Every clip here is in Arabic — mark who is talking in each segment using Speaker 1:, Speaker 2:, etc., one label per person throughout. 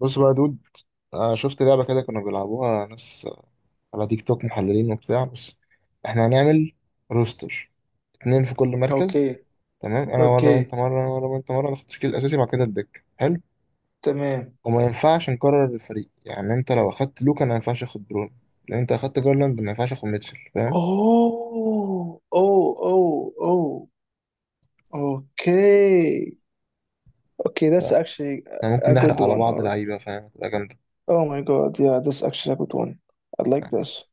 Speaker 1: بص بقى يا دود. شفت لعبة كده كانوا بيلعبوها ناس على تيك توك، محللين وبتاع. بس احنا هنعمل روستر، اتنين في كل مركز.
Speaker 2: اوكي.
Speaker 1: تمام، انا مرة
Speaker 2: اوكي
Speaker 1: وانت مرة، انا مرة وانت مرة، ناخد التشكيل الاساسي بعد كده الدك حلو.
Speaker 2: تمام.
Speaker 1: وما ينفعش نكرر الفريق، يعني انت لو اخدت لوكا انا ما ينفعش اخد برون، لو انت اخدت جارلاند ما ينفعش اخد ميتشل، فاهم؟
Speaker 2: اوه اوه اوه اوه اوكي اوكي that's
Speaker 1: فاحنا
Speaker 2: actually
Speaker 1: ممكن
Speaker 2: a
Speaker 1: نحرق
Speaker 2: good
Speaker 1: على
Speaker 2: one.
Speaker 1: بعض
Speaker 2: Oh,
Speaker 1: لعيبة، فاهم؟ تبقى جامدة.
Speaker 2: oh my god, yeah, that's actually a good one. I like this.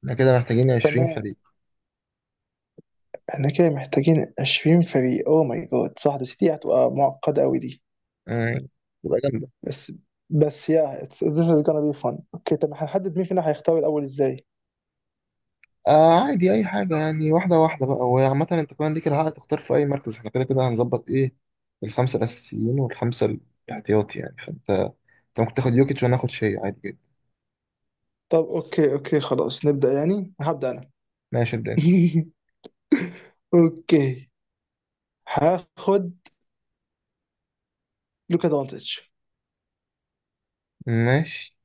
Speaker 1: احنا كده محتاجين 20
Speaker 2: تمام،
Speaker 1: فريق.
Speaker 2: احنا كده محتاجين 20 فريق. Oh my god صح، بس دي هتبقى معقدة قوي دي.
Speaker 1: مم، تبقى جامدة.
Speaker 2: بس بس yeah it's, this is gonna be fun. اوكي، طب هنحدد مين فينا هيختار الأول ازاي؟
Speaker 1: آه عادي اي حاجه، يعني واحده واحده بقى، وعامه انت كمان ليك الحق تختار في اي مركز، احنا كده كده هنظبط ايه، الخمسه الاساسيين والخمسه الاحتياطي. يعني فانت ممكن تاخد يوكيتش وانا اخد شيء عادي جدا.
Speaker 2: طب اوكي خلاص نبدأ، يعني هبدأ انا.
Speaker 1: ماشي، ابدا انت.
Speaker 2: اوكي، هاخد لوكا دونتش.
Speaker 1: ماشي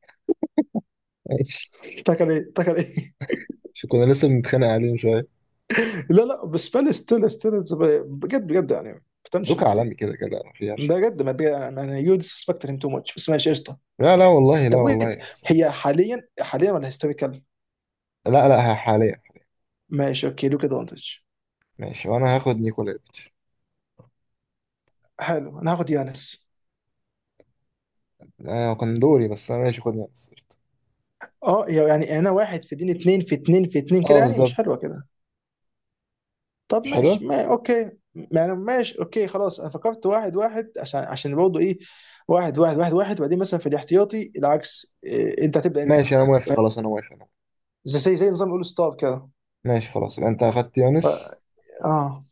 Speaker 1: ماشي.
Speaker 2: تاكل ايه تاكل ايه.
Speaker 1: شو كنا لسه بنتخانق عليه من شويه؟
Speaker 2: لا لا، بس بالي ستيل بجد بجد، يعني بوتنشال.
Speaker 1: لوكا عالمي كده كده ما فيهاش يعني.
Speaker 2: بجد ما بي... يعني يو ديسبكت هيم تو ماتش، بس ماشي قشطه.
Speaker 1: لا لا والله، لا
Speaker 2: طب ويت،
Speaker 1: والله بس.
Speaker 2: هي حاليا ولا هيستوريكال؟
Speaker 1: لا لا، حاليا.
Speaker 2: ماشي اوكي، لوكا دونتش.
Speaker 1: ماشي، وانا هاخد نيكولايتش.
Speaker 2: حلو، انا هاخد يانس.
Speaker 1: آه كان دوري، بس انا ماشي، خدني بس قشطة.
Speaker 2: اه يعني انا واحد في دين، اتنين في اتنين في اتنين كده،
Speaker 1: اه
Speaker 2: يعني مش
Speaker 1: بالظبط،
Speaker 2: حلوه كده. طب
Speaker 1: مش حلو.
Speaker 2: ماشي، ما اوكي. يعني ماشي اوكي خلاص، انا فكرت واحد واحد عشان برضه ايه، واحد واحد واحد واحد، وبعدين مثلا في الاحتياطي العكس، إيه انت هتبدا انت.
Speaker 1: ماشي انا موافق، خلاص انا موافق، أنا موافق.
Speaker 2: زي زي نظام الاول ستار كده.
Speaker 1: ماشي خلاص، يبقى انت اخدت
Speaker 2: ف...
Speaker 1: يونس.
Speaker 2: اه.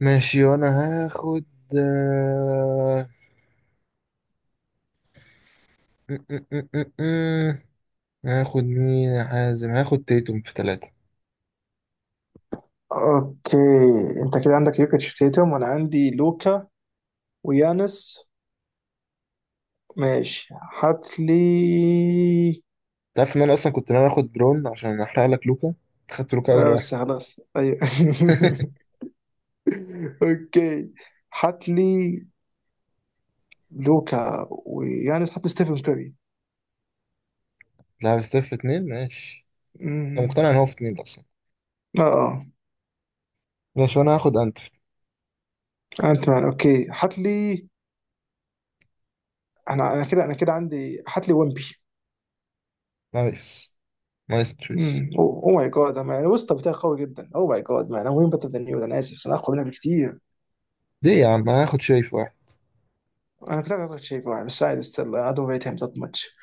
Speaker 1: ماشي، وانا هاخد آه، م- م- م- م- م. هاخد مين يا حازم؟ هاخد تيتوم في ثلاثة.
Speaker 2: اوكي، انت كده عندك يوكيتش تيتم وانا عندي لوكا ويانس. ماشي، هات لي.
Speaker 1: تعرف ان انا اصلا كنت ناوي اخد برون عشان احرق لك لوكا؟ خدت لوكا اول
Speaker 2: آه
Speaker 1: واحد.
Speaker 2: بس خلاص ايوه. اوكي، هات لي لوكا ويانس، هات لي ستيفن كوري.
Speaker 1: لاعب ستيف في اتنين ماشي. انت
Speaker 2: أمم،
Speaker 1: مقتنع ان هو في اتنين اصلا؟
Speaker 2: اه اه.
Speaker 1: ماشي وانا هاخد انت.
Speaker 2: انت مان، اوكي هات لي. انا كده عندي هات لي ويمبي.
Speaker 1: نايس، نايس تشويس.
Speaker 2: اوه ماي جاد، انا الوسط بتاعي قوي جدا، اوه ماي جاد مان، انا وين بتاع. انا اسف، انا اقوى منها بكتير.
Speaker 1: ليه يا عم؟ هاخد شايف واحد.
Speaker 2: انا بتلعب شيء معي، بس عادي ستيل. I don't rate him that much.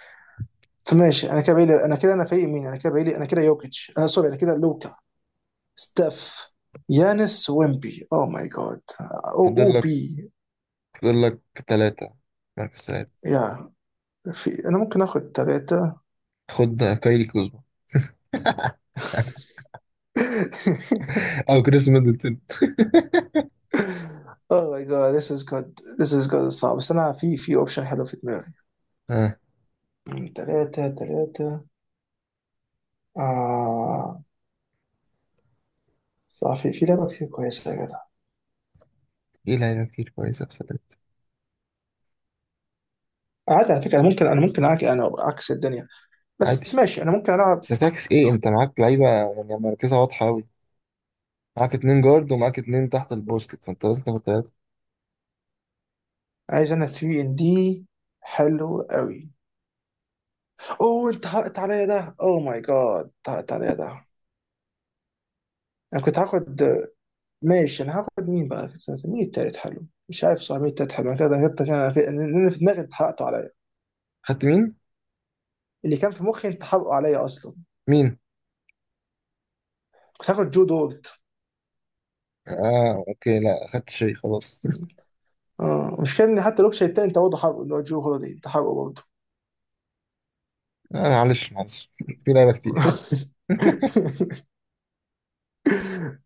Speaker 2: فماشي انا كده بعيلي انا كده انا فريق مين انا كده بعيلي انا كده يوكيتش، انا سوري، انا كده لوكا، ستاف، يانس، ويمبي. او ماي جاد، او او
Speaker 1: فاضل لك،
Speaker 2: بي.
Speaker 1: فاضل لك ثلاثة، مركز ثلاثة.
Speaker 2: يا في، انا ممكن اخد ثلاثة.
Speaker 1: خد كايلي كوزما. او كريس ميدلتون.
Speaker 2: او ماي جاد. This is good, this is good. صعب، بس انا في في اوبشن حلو في دماغي.
Speaker 1: اه،
Speaker 2: ثلاثة ثلاثة، آه صح، في في لعبة كتير كويسة يا جدع.
Speaker 1: في لعيبة كتير كويسة بس.
Speaker 2: عادي على فكرة، انا ممكن انا عكس الدنيا،
Speaker 1: عادي،
Speaker 2: بس ماشي انا ممكن العب.
Speaker 1: ستاكس ايه، انت معاك لعيبه يعني مراكزها واضحه قوي. معاك اتنين جارد ومعاك اتنين تحت البوسكت، فانت لازم تاخد تلاته.
Speaker 2: عايز انا 3 ان دي. حلو قوي. اوه انت حرقت عليا ده، اوه ماي جاد حرقت عليا ده. انا كنت هاخد. ماشي، انا هاخد مين بقى؟ مين التالت حلو مش عارف، صح مين التالت حلو، انا أنا في دماغي انت حرقته عليا.
Speaker 1: خدت مين؟
Speaker 2: اللي كان في مخي انت حرقه عليا اصلا.
Speaker 1: مين؟
Speaker 2: كنت هاخد جو دولت.
Speaker 1: اه اوكي، لا خدت شيء خلاص.
Speaker 2: اه، مش كان حتى الاوبشن التاني انت برضه حرقه؟ اللي هو جو هوليدي انت حرقه برضه.
Speaker 1: آه، معلش معلش. في لعيبه كتير.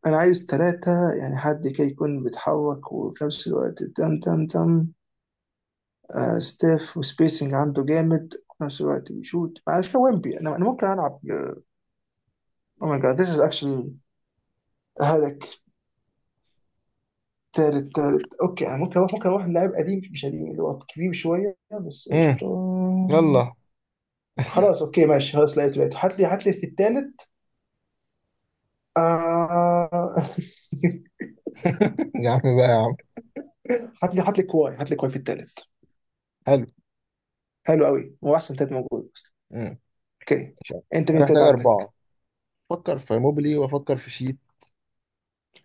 Speaker 2: انا عايز ثلاثة، يعني حد كده يكون بيتحرك وفي نفس الوقت دم دم دم. ستيف وسبيسنج عنده جامد وفي نفس الوقت بيشوت، معلش كوينبي انا ممكن العب. او ماي جاد، ذيس از اكشلي هلك. تالت اوكي، انا ممكن اروح، ممكن اروح للاعب قديم، مش قديم اللي هو كبير شويه بس
Speaker 1: امم،
Speaker 2: قشطه.
Speaker 1: يلا.
Speaker 2: خلاص اوكي ماشي، خلاص لقيته لقيته، هات لي هات لي في التالت. آه...
Speaker 1: يا عم بقى يا عم.
Speaker 2: هات لي هات لي كواي في التالت.
Speaker 1: حلو.
Speaker 2: حلو قوي، هو احسن تالت موجود اصلا.
Speaker 1: امم،
Speaker 2: اوكي،
Speaker 1: مش عارف.
Speaker 2: انت مين
Speaker 1: انا
Speaker 2: التالت
Speaker 1: محتاج اربعه،
Speaker 2: عندك؟
Speaker 1: افكر في موبلي وافكر في شيت.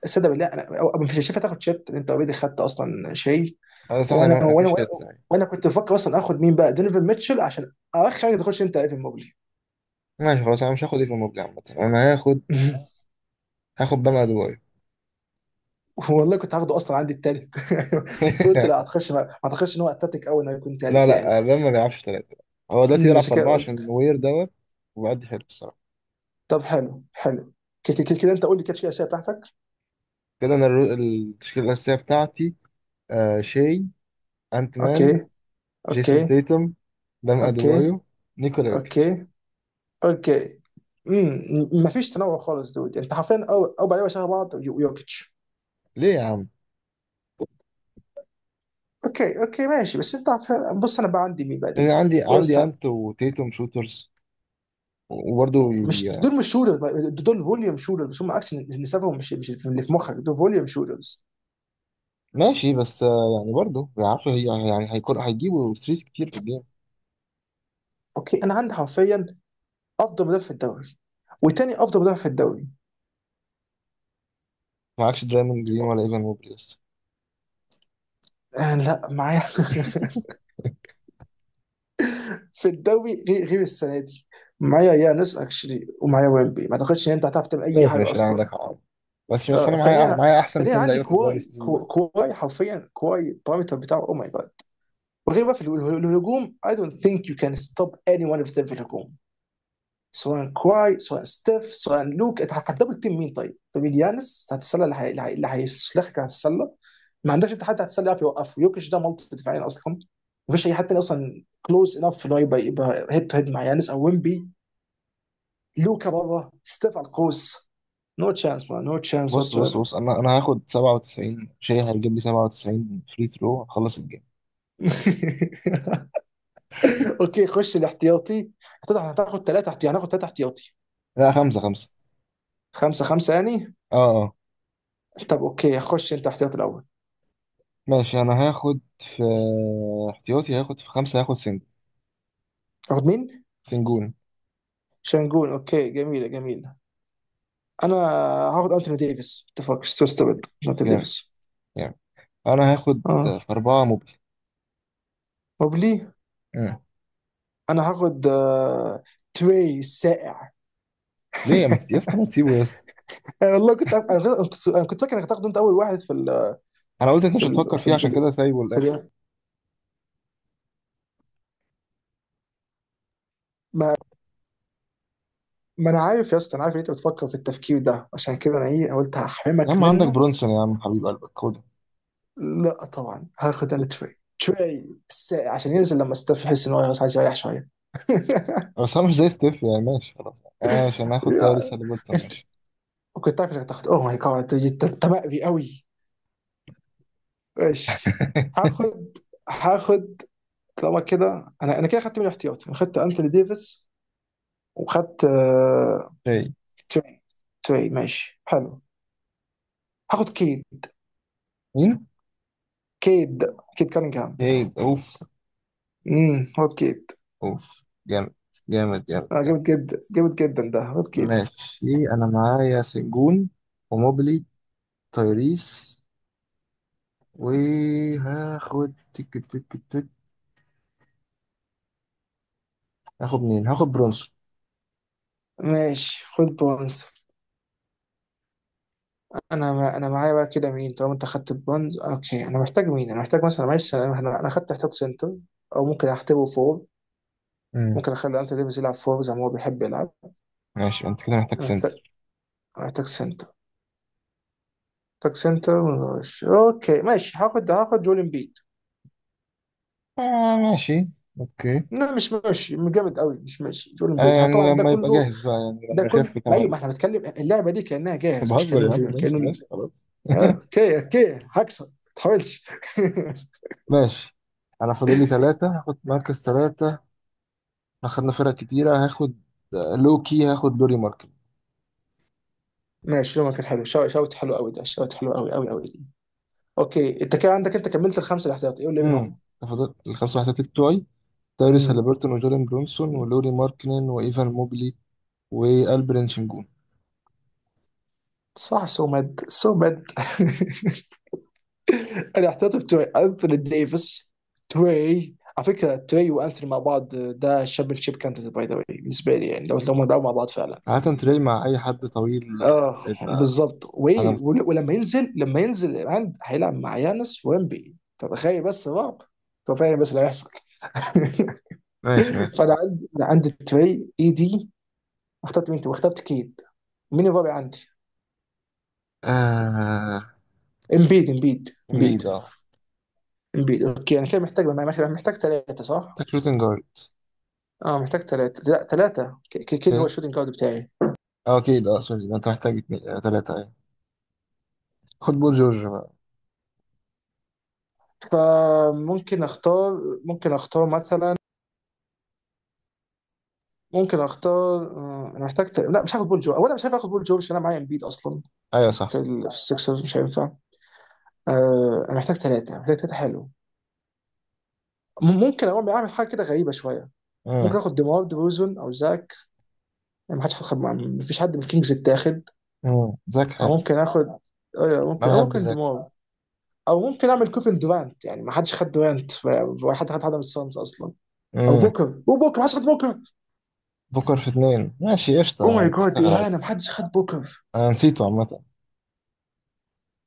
Speaker 2: السادة بالله، انا أو مش شايفها تاخد شات، لأن انت اوريدي خدت اصلا شيء.
Speaker 1: هذا صح،
Speaker 2: وانا
Speaker 1: انا
Speaker 2: وانا
Speaker 1: مفيش
Speaker 2: وانا,
Speaker 1: هيت يعني.
Speaker 2: وأنا كنت بفكر اصلا اخد مين بقى، دونيفن ميتشل، عشان اخر حاجه تخش انت ايفن موبلي.
Speaker 1: ماشي خلاص، انا مش هاخد ايه في موبلي عامه، انا هاخد، هاخد بام ادوايو.
Speaker 2: والله كنت هاخده اصلا عندي التالت. بس قلت لا هتخش ما هتخش، ان هو اتلتيك قوي انه يكون
Speaker 1: لا
Speaker 2: تالت يعني.
Speaker 1: لا، بام ما بيلعبش ثلاثة. هو دلوقتي بيلعب في
Speaker 2: عشان كده
Speaker 1: أربعة عشان
Speaker 2: قلت.
Speaker 1: وير دوت. وبيأدي حلو الصراحة.
Speaker 2: طب حلو حلو. كده انت قول لي كده الاسئله بتاعتك.
Speaker 1: كده أنا التشكيلة الأساسية بتاعتي: آه، شاي، أنت
Speaker 2: اوكي
Speaker 1: مان، جيسون
Speaker 2: اوكي
Speaker 1: تيتم، بام
Speaker 2: اوكي
Speaker 1: أديبايو، نيكولا يوكيتش.
Speaker 2: اوكي اوكي. امم، مفيش تنوع خالص دود، انت حرفيا اربع لعيبه شبه بعض ويوكيتش.
Speaker 1: ليه يا عم؟
Speaker 2: اوكي ماشي، بس انت بص، انا بقى عندي مين بقى
Speaker 1: لأن
Speaker 2: دود.
Speaker 1: عندي
Speaker 2: بص،
Speaker 1: عندي أنت وتيتم شوترز، وبرضه
Speaker 2: مش دول مش شوترز، دول فوليوم شوترز بس، هم اكشن اللي سافهم، مش اللي في مخك، دول فوليوم شوترز.
Speaker 1: ماشي، بس آه يعني برضه بيعرفوا يعني هيكون هيجيبوا ثريز كتير في الجيم.
Speaker 2: اوكي، انا عندي حرفيا افضل مدافع في الدوري وتاني افضل مدافع في الدوري.
Speaker 1: معكش درايموند جرين ولا ايفان موبلي لسه؟
Speaker 2: آه لا معايا. في الدوري، غير السنه دي. معايا يانس اكشلي، ومعايا ويمبي، ما اعتقدش ان انت هتعرف تعمل اي
Speaker 1: ماشي
Speaker 2: حاجه
Speaker 1: ماشي لا
Speaker 2: اصلا.
Speaker 1: عندك حق. بس بس،
Speaker 2: آه،
Speaker 1: انا معايا، معايا احسن
Speaker 2: ثانيا
Speaker 1: اتنين
Speaker 2: عندي
Speaker 1: لعيبه في الدوري
Speaker 2: كواي،
Speaker 1: السيزون ده.
Speaker 2: كواي حرفيا، كواي البارامتر بتاعه او ماي جاد. وغير بقى في الهجوم I don't think you can stop any one of them في الهجوم. سواء كواي سواء ستيف سواء لوك، انت هتدبل تيم مين طيب؟ طب اليانس هتتسلى، اللي هيسلخك هتتسلى. ما عندكش انت حد هتتسلى يعرف يوقفه، يوكيش ده مالتي دفاعيا اصلا. مفيش اي حد تاني اصلا كلوز انف ان هو يبقى هيد تو هيد مع يانس او ويمبي. لوكا بره، ستيف على القوس. نو تشانس مان، نو تشانس
Speaker 1: بص
Speaker 2: واتس
Speaker 1: بص
Speaker 2: ايفر.
Speaker 1: بص انا هاخد 97 شيء هيجيب لي 97 فري ثرو هخلص الجيم.
Speaker 2: اوكي، خش الاحتياطي. اعتقد هتاخد ثلاثه احتياطي، هناخد ثلاثه احتياطي.
Speaker 1: لا، خمسة خمسة.
Speaker 2: خمسه يعني.
Speaker 1: اه اه.
Speaker 2: طب اوكي، خش انت احتياطي الاول.
Speaker 1: ماشي انا هاخد في احتياطي، هاخد في خمسة، هاخد سنجل،
Speaker 2: تاخد مين؟
Speaker 1: سنجون.
Speaker 2: شانجون، اوكي، جميله جميله. انا هاخد انثوني ديفيس، اتفق سو ستوبد انثوني
Speaker 1: جامد،
Speaker 2: ديفيس.
Speaker 1: جامد. انا هاخد
Speaker 2: اه،
Speaker 1: في أربعة موبي.
Speaker 2: موبلي.
Speaker 1: مم.
Speaker 2: انا هاخد تري السائع.
Speaker 1: ليه يا ما تس- يا اسطى، ما تسيبه يا اسطى؟
Speaker 2: والله أنا كنت فاكر انك هتاخده انت اول واحد في ال.
Speaker 1: انا قلت انت
Speaker 2: في
Speaker 1: مش
Speaker 2: ال
Speaker 1: هتفكر
Speaker 2: في ال
Speaker 1: فيه،
Speaker 2: في,
Speaker 1: عشان
Speaker 2: ال
Speaker 1: كده سايبه
Speaker 2: في
Speaker 1: للاخر.
Speaker 2: ال ما, ما انا عارف يا اسطى، انا عارف ان انت بتفكر في التفكير ده، عشان كده انا ايه قلت
Speaker 1: يا
Speaker 2: هحرمك
Speaker 1: عم عندك
Speaker 2: منه.
Speaker 1: برونسون يا عم، حبيب قلبك، خده.
Speaker 2: لا طبعا هاخد انا تري السائع، عشان ينزل لما استف يحس ان هو خلاص عايز يريح شويه.
Speaker 1: بس هو مش زي ستيف يعني، ماشي خلاص، ماشي. انا عشان هاخد تايريس
Speaker 2: يا-
Speaker 1: هاليبرتون،
Speaker 2: انت
Speaker 1: ماشي.
Speaker 2: كنت عارف انك هتاخد، اوه ماي جاد، أنت مأوي قوي. ماشي. هاخد هاخد، طالما كده، انا انا كده خدت من الاحتياط انا خدت انتوني ديفيس، وخدت
Speaker 1: شيء.
Speaker 2: تري. تري، ماشي حلو. هاخد كيد.
Speaker 1: مين؟
Speaker 2: كيد، كيد كانجهام.
Speaker 1: ايه، اوف.
Speaker 2: امم، هاخد كيد.
Speaker 1: اوف، جامد جامد جامد
Speaker 2: آه جامد
Speaker 1: جامد.
Speaker 2: جدا جامد جدا، ده هاخد كيد.
Speaker 1: ماشي، انا معايا سنجون وموبلي، تايريس، وهاخد تك تك تك، هاخد مين؟ هاخد برونسون.
Speaker 2: ماشي، خد بونز. انا ما انا معايا بقى كده مين، طالما انت خدت البونز. اوكي، انا محتاج مين، انا محتاج مثلا، معلش، انا أنا خدت احتياط سنتر، او ممكن احتبه فور.
Speaker 1: مم.
Speaker 2: ممكن اخلي انتوني ديفيس يلعب فور زي ما هو بيحب يلعب.
Speaker 1: ماشي، انت كده محتاج
Speaker 2: أنا محتاج،
Speaker 1: سنتر.
Speaker 2: محتاج سنتر، باك سنتر، مش اوكي ماشي، هاخد جول امبيد.
Speaker 1: آه ماشي، اوكي.
Speaker 2: لا مش ماشي، مش جامد قوي مش ماشي جول
Speaker 1: آه
Speaker 2: امبيد احنا، طبعا
Speaker 1: يعني
Speaker 2: ده
Speaker 1: لما يبقى
Speaker 2: كله.
Speaker 1: جاهز بقى، يعني
Speaker 2: ده
Speaker 1: لما
Speaker 2: كل
Speaker 1: يخف
Speaker 2: ما ايوه، ما
Speaker 1: كمان.
Speaker 2: احنا بنتكلم اللعبه دي كانها جاهز، مش
Speaker 1: بهزر
Speaker 2: كانه
Speaker 1: يا
Speaker 2: مش
Speaker 1: عم، ماشي
Speaker 2: كانه.
Speaker 1: ماشي خلاص.
Speaker 2: آه، اوكي اوكي هكسب ما تحاولش.
Speaker 1: ماشي. انا فاضل لي ثلاثة، هاخد مركز ثلاثة. اخدنا فرق كتيرة، هاخد لوكي، هاخد دوري ماركل.
Speaker 2: ماشي، يومك كان حلو، شوت حلو قوي ده، شوت حلو قوي قوي قوي دي. اوكي، انت كده عندك، انت كملت الخمسه الاحتياطي، قول لي مين
Speaker 1: امم،
Speaker 2: هم.
Speaker 1: فاضل الخمسة احتياطي بتوعي: تايريس
Speaker 2: امم،
Speaker 1: هاليبرتون، وجولين برونسون، ولوري ماركنن، وايفان موبلي، والبرين شنجون.
Speaker 2: صح سومد سومد. انا احترت توي انثوني ديفيس. توي على فكره، توي وانثوني مع بعض ده شيب كانت باي ذا واي بالنسبه لي، يعني لو هم لعبوا مع بعض فعلا.
Speaker 1: عادة تلاقي مع اي حد طويل
Speaker 2: اه
Speaker 1: هيبقى
Speaker 2: بالظبط،
Speaker 1: حاجة مخ-
Speaker 2: ولما ينزل، لما ينزل عند هيلعب مع يانس ويمبي، طب تخيل بس، رعب. طب فاهم بس اللي هيحصل.
Speaker 1: ماشي
Speaker 2: فانا
Speaker 1: ماشي.
Speaker 2: عندي، أنا عندي تري اي دي. اخترت مين انت؟ واخترت كيد. مين الرابع عندي؟
Speaker 1: آه
Speaker 2: امبيد، امبيد، امبيد،
Speaker 1: امبيد. اه،
Speaker 2: امبيد. اوكي، انا كده محتاج محتاج ثلاثه صح؟
Speaker 1: محتاج شوتنج جارد.
Speaker 2: اه، محتاج ثلاثة، لا ثلاثة، كيد هو
Speaker 1: ليه؟
Speaker 2: الشوتنج جارد بتاعي.
Speaker 1: اه اكيد، اه سوري، ده انت محتاج اتنين، تلاتة، ايوه. خد بول جورج بقى.
Speaker 2: فممكن اختار، ممكن اختار مثلا، ممكن اختار انا محتاج لا مش هاخد بول جو، اولا مش هاخد بول جو عشان انا معايا امبيد اصلا،
Speaker 1: ايوه صح
Speaker 2: في
Speaker 1: صح.
Speaker 2: في السكسرز مش هينفع. انا محتاج ثلاثة، محتاج ثلاثة حلو. ممكن اقوم اعمل حاجة كده غريبة شوية.
Speaker 1: امم.
Speaker 2: ممكن اخد ديمار دروزن او زاك، يعني ما حدش هاخد، ما فيش حد من الكينجز اتاخد.
Speaker 1: امم، زاك حلو.
Speaker 2: او ممكن اخد، ايوه
Speaker 1: انا
Speaker 2: ممكن، او
Speaker 1: بحب
Speaker 2: ممكن
Speaker 1: زاك.
Speaker 2: ديمار. او ممكن اعمل كوفن دورانت، يعني ما حدش خد دورانت، ولا حد خد حد من السانز اصلا. او
Speaker 1: امم.
Speaker 2: بوكر، وبوكر ما حدش خد بوكر.
Speaker 1: بوكر في اتنين ماشي،
Speaker 2: او
Speaker 1: قشطة
Speaker 2: ماي
Speaker 1: يعني
Speaker 2: جاد دي
Speaker 1: تشتغل عادي.
Speaker 2: اهانه، ما حدش خد بوكر.
Speaker 1: انا نسيته عامة.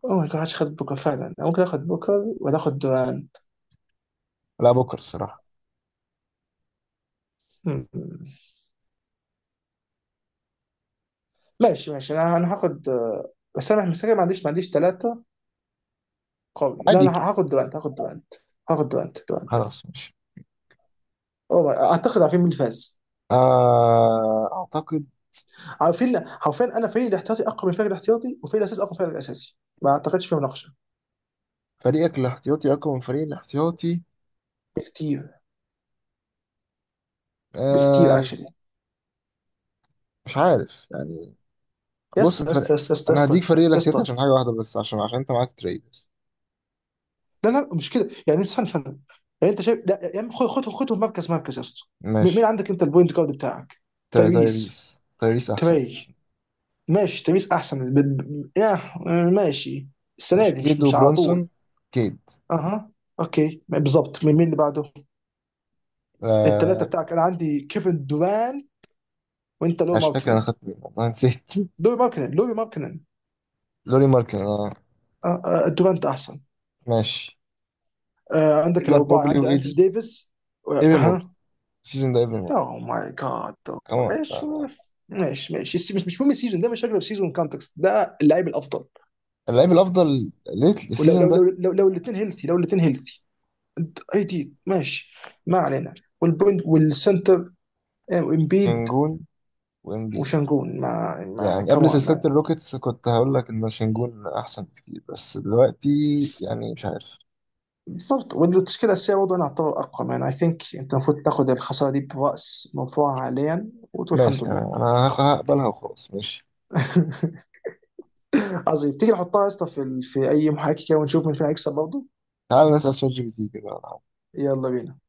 Speaker 2: او ماي جاد، ما حدش خد بوكر فعلا. انا ممكن اخد بوكر ولا اخد دوران.
Speaker 1: لا، بوكر الصراحة.
Speaker 2: مم. ماشي ماشي، انا هاخد بس انا مسكر، ما عنديش ثلاثه قوي. لا
Speaker 1: عادي،
Speaker 2: انا هاخد دورانت، هاخد دورانت، هاخد دورانت، دورانت.
Speaker 1: خلاص ماشي.
Speaker 2: او ماي، اعتقد عارفين مين اللي فاز.
Speaker 1: آه أعتقد.
Speaker 2: عارفين، انا فريق الاحتياطي اقوى من الفريق الاحتياطي، وفريق الاساسي اقوى من الفريق الاساسي، ما اعتقدش فيه مناقشه.
Speaker 1: فريقك الاحتياطي اقوى من فريق الاحتياطي؟
Speaker 2: بكتير، بكتير
Speaker 1: آم،
Speaker 2: اكشلي.
Speaker 1: مش عارف يعني.
Speaker 2: يا
Speaker 1: بص،
Speaker 2: اسطى
Speaker 1: انت
Speaker 2: يا
Speaker 1: فرق،
Speaker 2: اسطى يا اسطى يا
Speaker 1: انا
Speaker 2: اسطى
Speaker 1: هديك فريق
Speaker 2: يا
Speaker 1: الاحتياطي
Speaker 2: اسطى،
Speaker 1: عشان حاجه واحده بس، عشان عشان انت معاك تريدرز.
Speaker 2: لا لا مش كده يعني، استنى. يعني انت شايف، لا يا عم خد، خدهم مركز مركز يا اسطى. مين، مين
Speaker 1: ماشي،
Speaker 2: عندك انت البوينت جارد بتاعك؟ تايريس،
Speaker 1: تايريس، تايريس احسن
Speaker 2: تري.
Speaker 1: سيزون.
Speaker 2: ماشي، تايريس احسن آه، ماشي. السنه
Speaker 1: ماشي،
Speaker 2: دي مش
Speaker 1: كيد
Speaker 2: مش على طول.
Speaker 1: وبرونسون، كيد.
Speaker 2: اها، اوكي بالظبط، مين مين اللي بعده. الثلاثه
Speaker 1: آه،
Speaker 2: بتاعك، انا عندي كيفن دوران، وانت
Speaker 1: مش فاكر انا خدت مين، والله نسيت.
Speaker 2: لو ماركنن لو ماركنن،
Speaker 1: لوري ماركن، آه.
Speaker 2: آه، دورانت احسن.
Speaker 1: ماشي،
Speaker 2: عندك
Speaker 1: ايفان
Speaker 2: الاربعه،
Speaker 1: موبلي
Speaker 2: عندي انثوني
Speaker 1: وايدي،
Speaker 2: ديفيس.
Speaker 1: ايفان موبلي.
Speaker 2: ها،
Speaker 1: السيزون ده ايفان موبلي
Speaker 2: اوه ماي جاد.
Speaker 1: كمان، لا
Speaker 2: ماشي
Speaker 1: لا.
Speaker 2: ماشي، مش مش مهم السيزون ده، مش شكله السيزون، كونتكست ده اللاعب الافضل.
Speaker 1: اللعيب الافضل ليت
Speaker 2: ولو
Speaker 1: السيزون ده،
Speaker 2: لو الاثنين هيلثي، لو الاثنين هيلثي اي دي ماشي. ما علينا. والبوينت والسنتر، آه، وامبيد.
Speaker 1: انجون وامبيد.
Speaker 2: وشنجون ما ما
Speaker 1: يعني قبل
Speaker 2: كمان
Speaker 1: سلسلة
Speaker 2: ما
Speaker 1: الروكيتس كنت هقول لك إن شنجون أحسن بكتير، بس دلوقتي يعني مش عارف.
Speaker 2: بالضبط. والتشكيله الاساسيه برضه انا اعتبر اقوى مان، اي ثينك انت المفروض تاخد الخساره دي براس مرفوعه حاليا وتقول الحمد
Speaker 1: ماشي،
Speaker 2: لله.
Speaker 1: أنا هقبلها وخلاص، ماشي.
Speaker 2: عظيم، تيجي نحطها يا اسطى في في اي محاكي كده ونشوف مين فينا هيكسب برضه.
Speaker 1: تعال نسأل شات جي بي تي كده.
Speaker 2: يلا بينا.